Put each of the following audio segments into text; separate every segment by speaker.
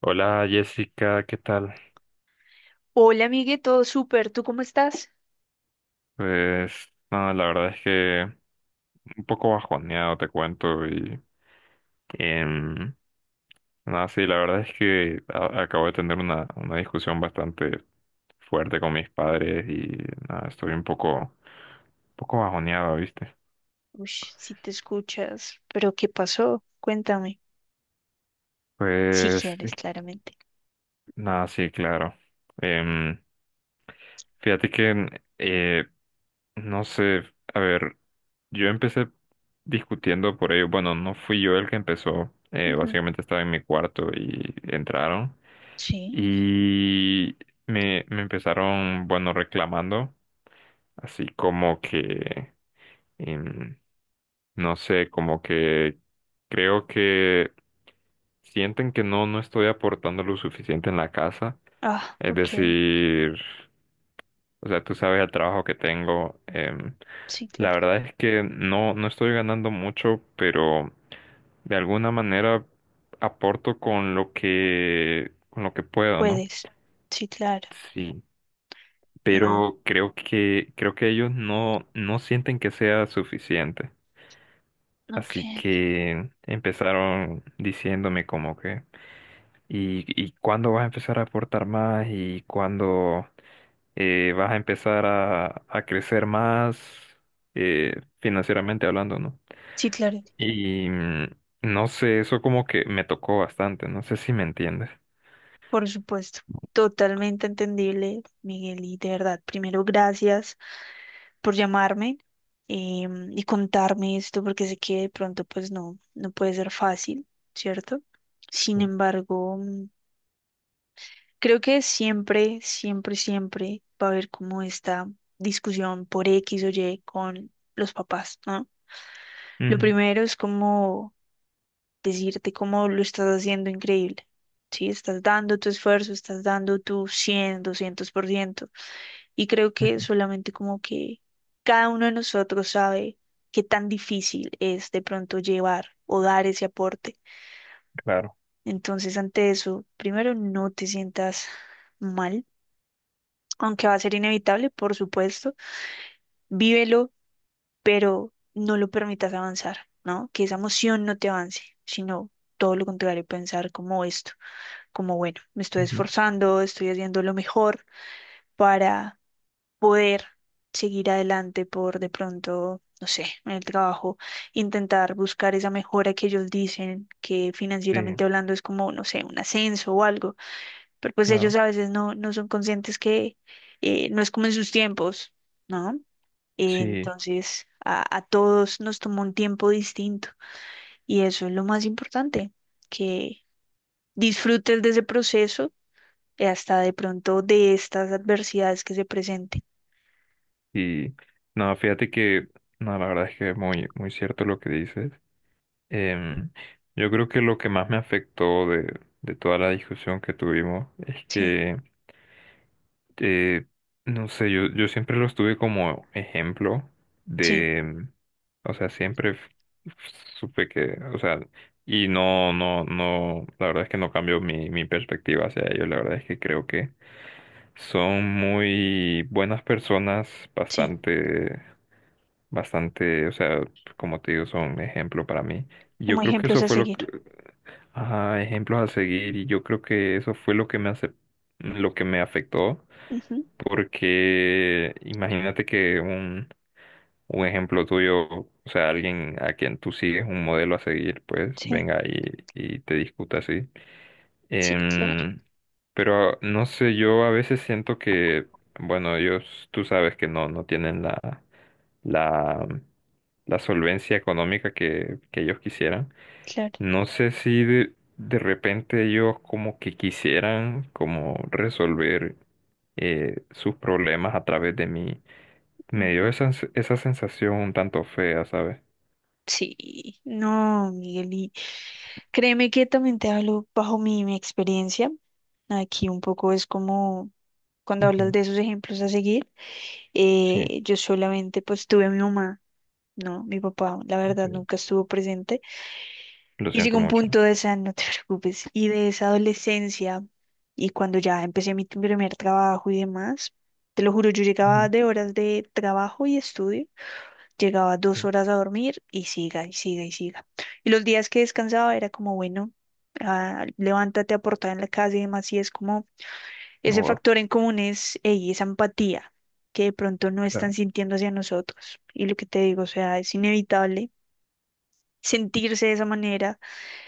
Speaker 1: Hola Jessica, ¿qué tal?
Speaker 2: Hola, amigue, todo súper. ¿Tú cómo estás?
Speaker 1: Pues nada, la verdad es que un poco bajoneado te cuento y em, nada, sí, la verdad es que acabo de tener una discusión bastante fuerte con mis padres y nada, estoy un poco bajoneado, ¿viste?
Speaker 2: Uy, si te escuchas. ¿Pero qué pasó? Cuéntame. Si
Speaker 1: Pues
Speaker 2: quieres, claramente.
Speaker 1: nada, sí, claro. Em, Fíjate que, eh, no sé, a ver, yo empecé discutiendo por ello. Bueno, no fui yo el que empezó.
Speaker 2: Ujú.
Speaker 1: Básicamente estaba en mi cuarto y entraron.
Speaker 2: Sí.
Speaker 1: Y me empezaron, bueno, reclamando, así como que... Em, no sé, como que creo que sienten que no estoy aportando lo suficiente en la casa.
Speaker 2: Ah,
Speaker 1: Es
Speaker 2: ok.
Speaker 1: decir, o sea, tú sabes el trabajo que tengo.
Speaker 2: Sí,
Speaker 1: La
Speaker 2: claro.
Speaker 1: verdad es que no estoy ganando mucho, pero de alguna manera aporto con lo que puedo, ¿no?
Speaker 2: Puedes. Sí, claro.
Speaker 1: Sí,
Speaker 2: No.
Speaker 1: pero creo que ellos no sienten que sea suficiente.
Speaker 2: Ok.
Speaker 1: Así que empezaron diciéndome como que, ¿y cuándo vas a empezar a aportar más? ¿Y cuándo vas a empezar a crecer más financieramente hablando, ¿no?
Speaker 2: Sí, claro.
Speaker 1: Y no sé, eso como que me tocó bastante, no sé si me entiendes.
Speaker 2: Por supuesto. Totalmente entendible, Miguel. Y de verdad, primero, gracias por llamarme y contarme esto, porque sé que de pronto, pues no, no puede ser fácil, ¿cierto? Sin embargo. Creo que siempre, siempre, siempre va a haber como esta discusión por X o Y con los papás, ¿no? Lo
Speaker 1: Ujú,
Speaker 2: primero es como decirte cómo lo estás haciendo increíble, ¿sí? Estás dando tu esfuerzo, estás dando tu cien, doscientos por ciento. Y creo que
Speaker 1: ujú,
Speaker 2: solamente como que cada uno de nosotros sabe qué tan difícil es de pronto llevar o dar ese aporte.
Speaker 1: claro.
Speaker 2: Entonces, ante eso, primero no te sientas mal, aunque va a ser inevitable, por supuesto, vívelo, pero no lo permitas avanzar, ¿no? Que esa emoción no te avance, sino todo lo contrario, pensar como esto, como bueno, me estoy
Speaker 1: Ujú,
Speaker 2: esforzando, estoy haciendo lo mejor para poder seguir adelante por de pronto, no sé, en el trabajo, intentar buscar esa mejora que ellos dicen, que
Speaker 1: sí,
Speaker 2: financieramente hablando es como, no sé, un ascenso o algo. Pero pues ellos
Speaker 1: claro.
Speaker 2: a veces no, no son conscientes que no es como en sus tiempos, ¿no?
Speaker 1: Sí,
Speaker 2: Entonces, a todos nos tomó un tiempo distinto y eso es lo más importante, que disfrutes de ese proceso y hasta de pronto de estas adversidades que se presenten.
Speaker 1: y no, fíjate que, no, la verdad es que es muy, muy cierto lo que dices. Em, yo creo que lo que más me afectó de toda la discusión que tuvimos es
Speaker 2: Sí,
Speaker 1: que, eh, no sé, yo siempre los tuve como ejemplo
Speaker 2: sí,
Speaker 1: de, o sea, siempre supe que, o sea, y no, la verdad es que no cambió mi perspectiva hacia ellos, la verdad es que creo que son muy buenas personas,
Speaker 2: sí,
Speaker 1: bastante, bastante, o sea, como te digo, son ejemplo para mí. Yo
Speaker 2: como
Speaker 1: creo que
Speaker 2: ejemplos
Speaker 1: eso
Speaker 2: a
Speaker 1: fue lo,
Speaker 2: seguir.
Speaker 1: ajá, ejemplos a seguir y yo creo que eso fue lo que me hace, lo que me afectó,
Speaker 2: Ujú,
Speaker 1: porque imagínate que un ejemplo tuyo, o sea, alguien a quien tú sigues un modelo a seguir, pues
Speaker 2: sí,
Speaker 1: venga y te discuta así.
Speaker 2: sí, claro,
Speaker 1: Em, pero no sé, yo a veces siento que, bueno, ellos, tú sabes que no tienen la, la, la solvencia económica que ellos quisieran.
Speaker 2: claro.
Speaker 1: No sé si de repente ellos como que quisieran como resolver sus problemas a través de mí. Me dio
Speaker 2: Ujú.
Speaker 1: esa, esa sensación un tanto fea, ¿sabes?
Speaker 2: Sí, no, Miguel, créeme que también te hablo bajo mi experiencia. Aquí un poco es como cuando hablas
Speaker 1: Ujú,
Speaker 2: de esos ejemplos a seguir.
Speaker 1: sí.
Speaker 2: Yo solamente pues tuve a mi mamá, ¿no? Mi papá, la verdad,
Speaker 1: Ok,
Speaker 2: nunca estuvo presente.
Speaker 1: lo
Speaker 2: Y llegó
Speaker 1: siento
Speaker 2: un
Speaker 1: mucho.
Speaker 2: punto de esa, no te preocupes, y de esa adolescencia y cuando ya empecé mi primer trabajo y demás, te lo juro, yo llegaba
Speaker 1: Ujú,
Speaker 2: de horas de trabajo y estudio. Llegaba dos
Speaker 1: sí.
Speaker 2: horas a dormir y siga y siga y siga. Y los días que descansaba era como, bueno, ah, levántate a aportar en la casa y demás. Y es como ese
Speaker 1: Wow,
Speaker 2: factor en común es ey, esa empatía que de pronto no están
Speaker 1: claro,
Speaker 2: sintiendo hacia nosotros. Y lo que te digo, o sea, es inevitable sentirse de esa manera.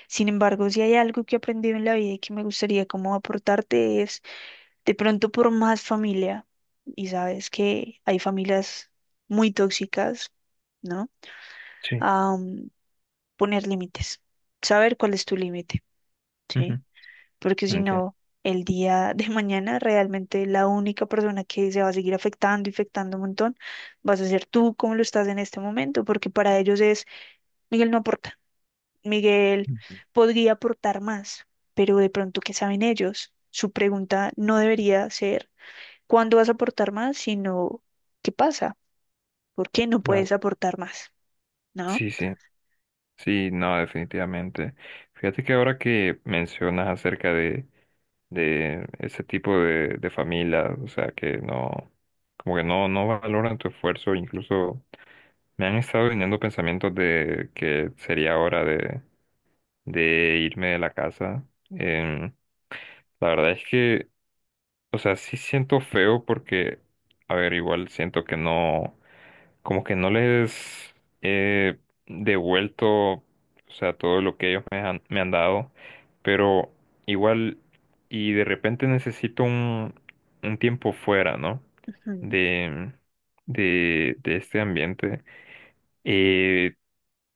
Speaker 2: Sin embargo, si hay algo que he aprendido en la vida y que me gustaría como aportarte es de pronto por más familia, y sabes que hay familias muy tóxicas, ¿no?
Speaker 1: sí,
Speaker 2: Poner límites, saber cuál es tu límite, ¿sí?
Speaker 1: ujú,
Speaker 2: Porque si
Speaker 1: entiendo,
Speaker 2: no, el día de mañana realmente la única persona que se va a seguir afectando, y afectando un montón, vas a ser tú como lo estás en este momento, porque para ellos es, Miguel no aporta, Miguel
Speaker 1: ujú.
Speaker 2: podría aportar más, pero de pronto, ¿qué saben ellos? Su pregunta no debería ser, ¿cuándo vas a aportar más? Sino, ¿qué pasa? ¿Por qué no puedes
Speaker 1: Claro,
Speaker 2: aportar más? ¿No?
Speaker 1: sí, sí. Sí, no, definitivamente. Fíjate que ahora que mencionas acerca de ese tipo de familia, o sea, que no, como que no valoran tu esfuerzo, incluso me han estado viniendo pensamientos de que sería hora de irme de la casa. Em, la verdad es que, o sea, sí siento feo porque, a ver, igual siento que no como que no les he devuelto, o sea, todo lo que ellos me han dado, pero igual, y de repente necesito un tiempo fuera, ¿no?
Speaker 2: Ujú.
Speaker 1: De, de este ambiente. Eh,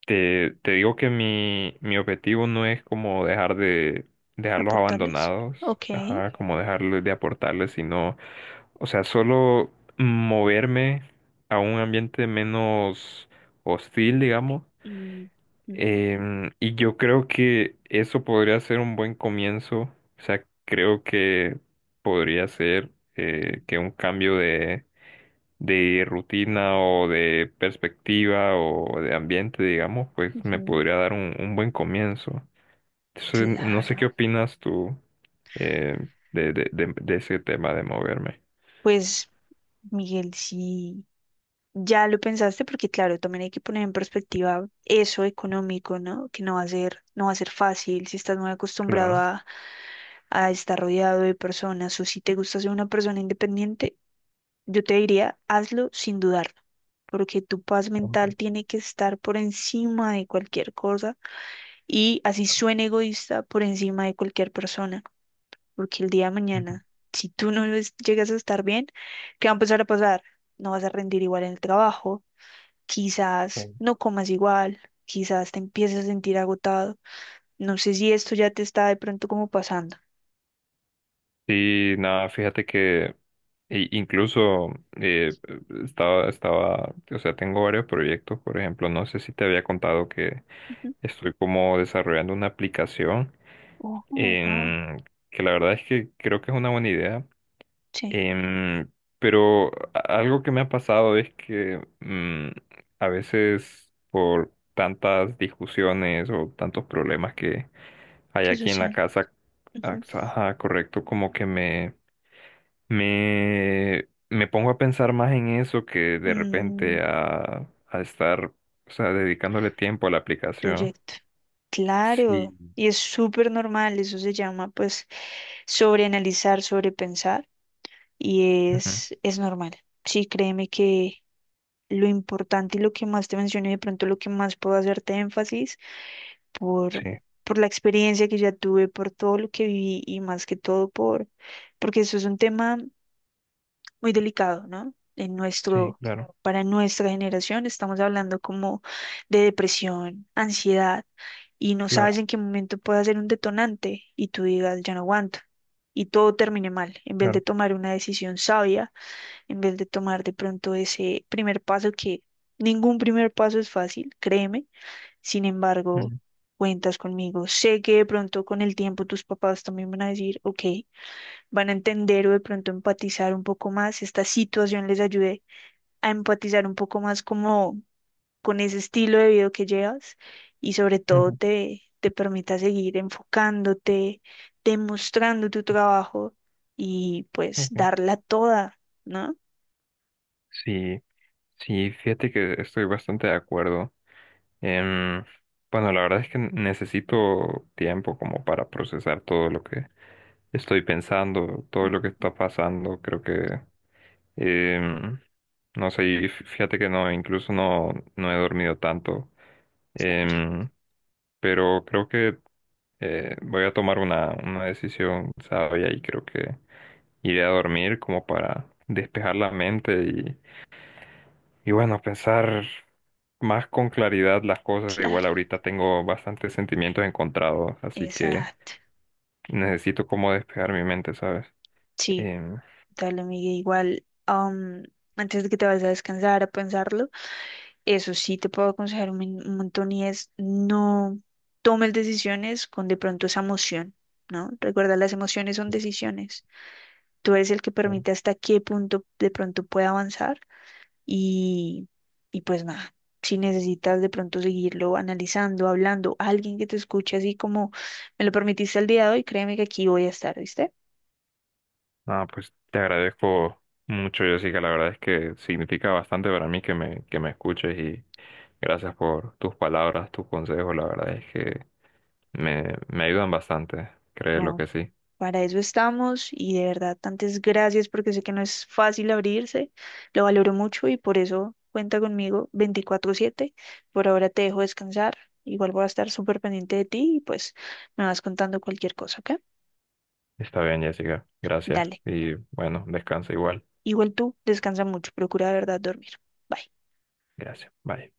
Speaker 1: te digo que mi objetivo no es como dejar de, dejarlos
Speaker 2: ¿Aportarles?
Speaker 1: abandonados,
Speaker 2: Ok.
Speaker 1: ajá, como dejarles de aportarles, sino o sea, solo moverme a un ambiente menos hostil, digamos.
Speaker 2: Mm. Ujú.
Speaker 1: Y yo creo que eso podría ser un buen comienzo. O sea, creo que podría ser que un cambio de rutina o de perspectiva o de ambiente, digamos, pues me
Speaker 2: Ujú.
Speaker 1: podría dar un buen comienzo. Entonces, no sé qué
Speaker 2: Claro.
Speaker 1: opinas tú eh, de ese tema de moverme.
Speaker 2: Pues, Miguel, sí, ya lo pensaste, porque claro, también hay que poner en perspectiva eso económico, ¿no? Que no va a ser, no va a ser fácil si estás muy acostumbrado
Speaker 1: Claro.
Speaker 2: a estar rodeado de personas o si te gusta ser una persona independiente, yo te diría, hazlo sin dudarlo, porque tu paz mental tiene que estar por encima de cualquier cosa y así suene egoísta, por encima de cualquier persona. Porque el día de
Speaker 1: Ujú.
Speaker 2: mañana, si tú no es- llegas a estar bien, ¿qué va a empezar a pasar? No vas a rendir igual en el trabajo, quizás no comas igual, quizás te empieces a sentir agotado. No sé si esto ya te está de pronto como pasando.
Speaker 1: Sí, nada, fíjate que incluso eh, estaba, o sea, tengo varios proyectos, por ejemplo, no sé si te había contado que
Speaker 2: Ujú.
Speaker 1: estoy como desarrollando una aplicación
Speaker 2: Ojo, wow.
Speaker 1: en, que la verdad es que creo que es una buena idea.
Speaker 2: Sí,
Speaker 1: Em, pero algo que me ha pasado es que a veces por tantas discusiones o tantos problemas que hay
Speaker 2: ¿qué
Speaker 1: aquí en la
Speaker 2: sucede?
Speaker 1: casa,
Speaker 2: Ujú.
Speaker 1: ajá, correcto, como que me pongo a pensar más en eso que de
Speaker 2: Mm,
Speaker 1: repente a estar, o sea, dedicándole tiempo a la aplicación.
Speaker 2: proyecto. Claro,
Speaker 1: Sí.
Speaker 2: y es súper normal, eso se llama pues sobreanalizar, sobrepensar, y
Speaker 1: Ujú,
Speaker 2: es normal. Sí, créeme que lo importante y lo que más te mencioné, de pronto lo que más puedo hacerte énfasis por,
Speaker 1: sí,
Speaker 2: por la experiencia que ya tuve, por todo lo que viví y más que todo por, porque eso es un tema muy delicado, ¿no? En
Speaker 1: sí,
Speaker 2: nuestro,
Speaker 1: claro,
Speaker 2: para nuestra generación estamos hablando como de depresión, ansiedad y no sabes
Speaker 1: claro,
Speaker 2: en qué momento puede ser un detonante y tú digas, ya no aguanto. Y todo termine mal, en vez de
Speaker 1: claro.
Speaker 2: tomar una decisión sabia, en vez de tomar de pronto ese primer paso que ningún primer paso es fácil, créeme. Sin embargo,
Speaker 1: Mm,
Speaker 2: cuentas conmigo. Sé que de pronto con el tiempo tus papás también van a decir, ok, van a entender o de pronto empatizar un poco más. Esta situación les ayude a empatizar un poco más como con ese estilo de vida que llevas y sobre todo
Speaker 1: ujú.
Speaker 2: te permita seguir enfocándote, demostrando tu trabajo y pues
Speaker 1: Ok.
Speaker 2: darla toda, ¿no?
Speaker 1: Sí, sí, fíjate que estoy bastante de acuerdo. Em, bueno, la verdad es que necesito tiempo como para procesar todo lo que estoy pensando, todo lo que
Speaker 2: Ujú.
Speaker 1: está pasando. Creo que, em, no sé, y fíjate que no, incluso no he dormido tanto. Em, pero creo que voy a tomar una decisión sabia y creo que iré a dormir como para despejar la mente. Y bueno, pensar más con claridad las cosas. Igual
Speaker 2: Claro,
Speaker 1: ahorita tengo bastantes sentimientos encontrados, así que
Speaker 2: exacto.
Speaker 1: necesito como despejar mi mente, ¿sabes?
Speaker 2: Sí,
Speaker 1: Em,
Speaker 2: dale, Miguel, igual. Antes de que te vayas a descansar, a pensarlo, eso sí te puedo aconsejar un, un montón y es no tomes decisiones con de pronto esa emoción, ¿no? Recuerda, las emociones son decisiones. Tú eres el que
Speaker 1: Claro.
Speaker 2: permite hasta qué punto de pronto puede avanzar y, y pues nada, si necesitas de pronto seguirlo analizando, hablando, alguien que te escuche así como me lo permitiste el día de hoy, créeme que aquí voy a estar, ¿viste?
Speaker 1: Ah, pues te agradezco mucho, Jessica. La verdad es que significa bastante para mí que me escuches y gracias por tus palabras, tus consejos. La verdad es que me ayudan bastante, créelo
Speaker 2: No.
Speaker 1: que sí.
Speaker 2: Para eso estamos y de verdad, tantas gracias porque sé que no es fácil abrirse, lo valoro mucho y por eso cuenta conmigo 24/7. Por ahora te dejo descansar, igual voy a estar súper pendiente de ti y pues me vas contando cualquier cosa, ¿ok?
Speaker 1: Está bien, Jessica. Gracias.
Speaker 2: Dale.
Speaker 1: Y bueno, descansa igual.
Speaker 2: Igual tú, descansa mucho, procura de verdad dormir. Bye.
Speaker 1: Gracias. Bye.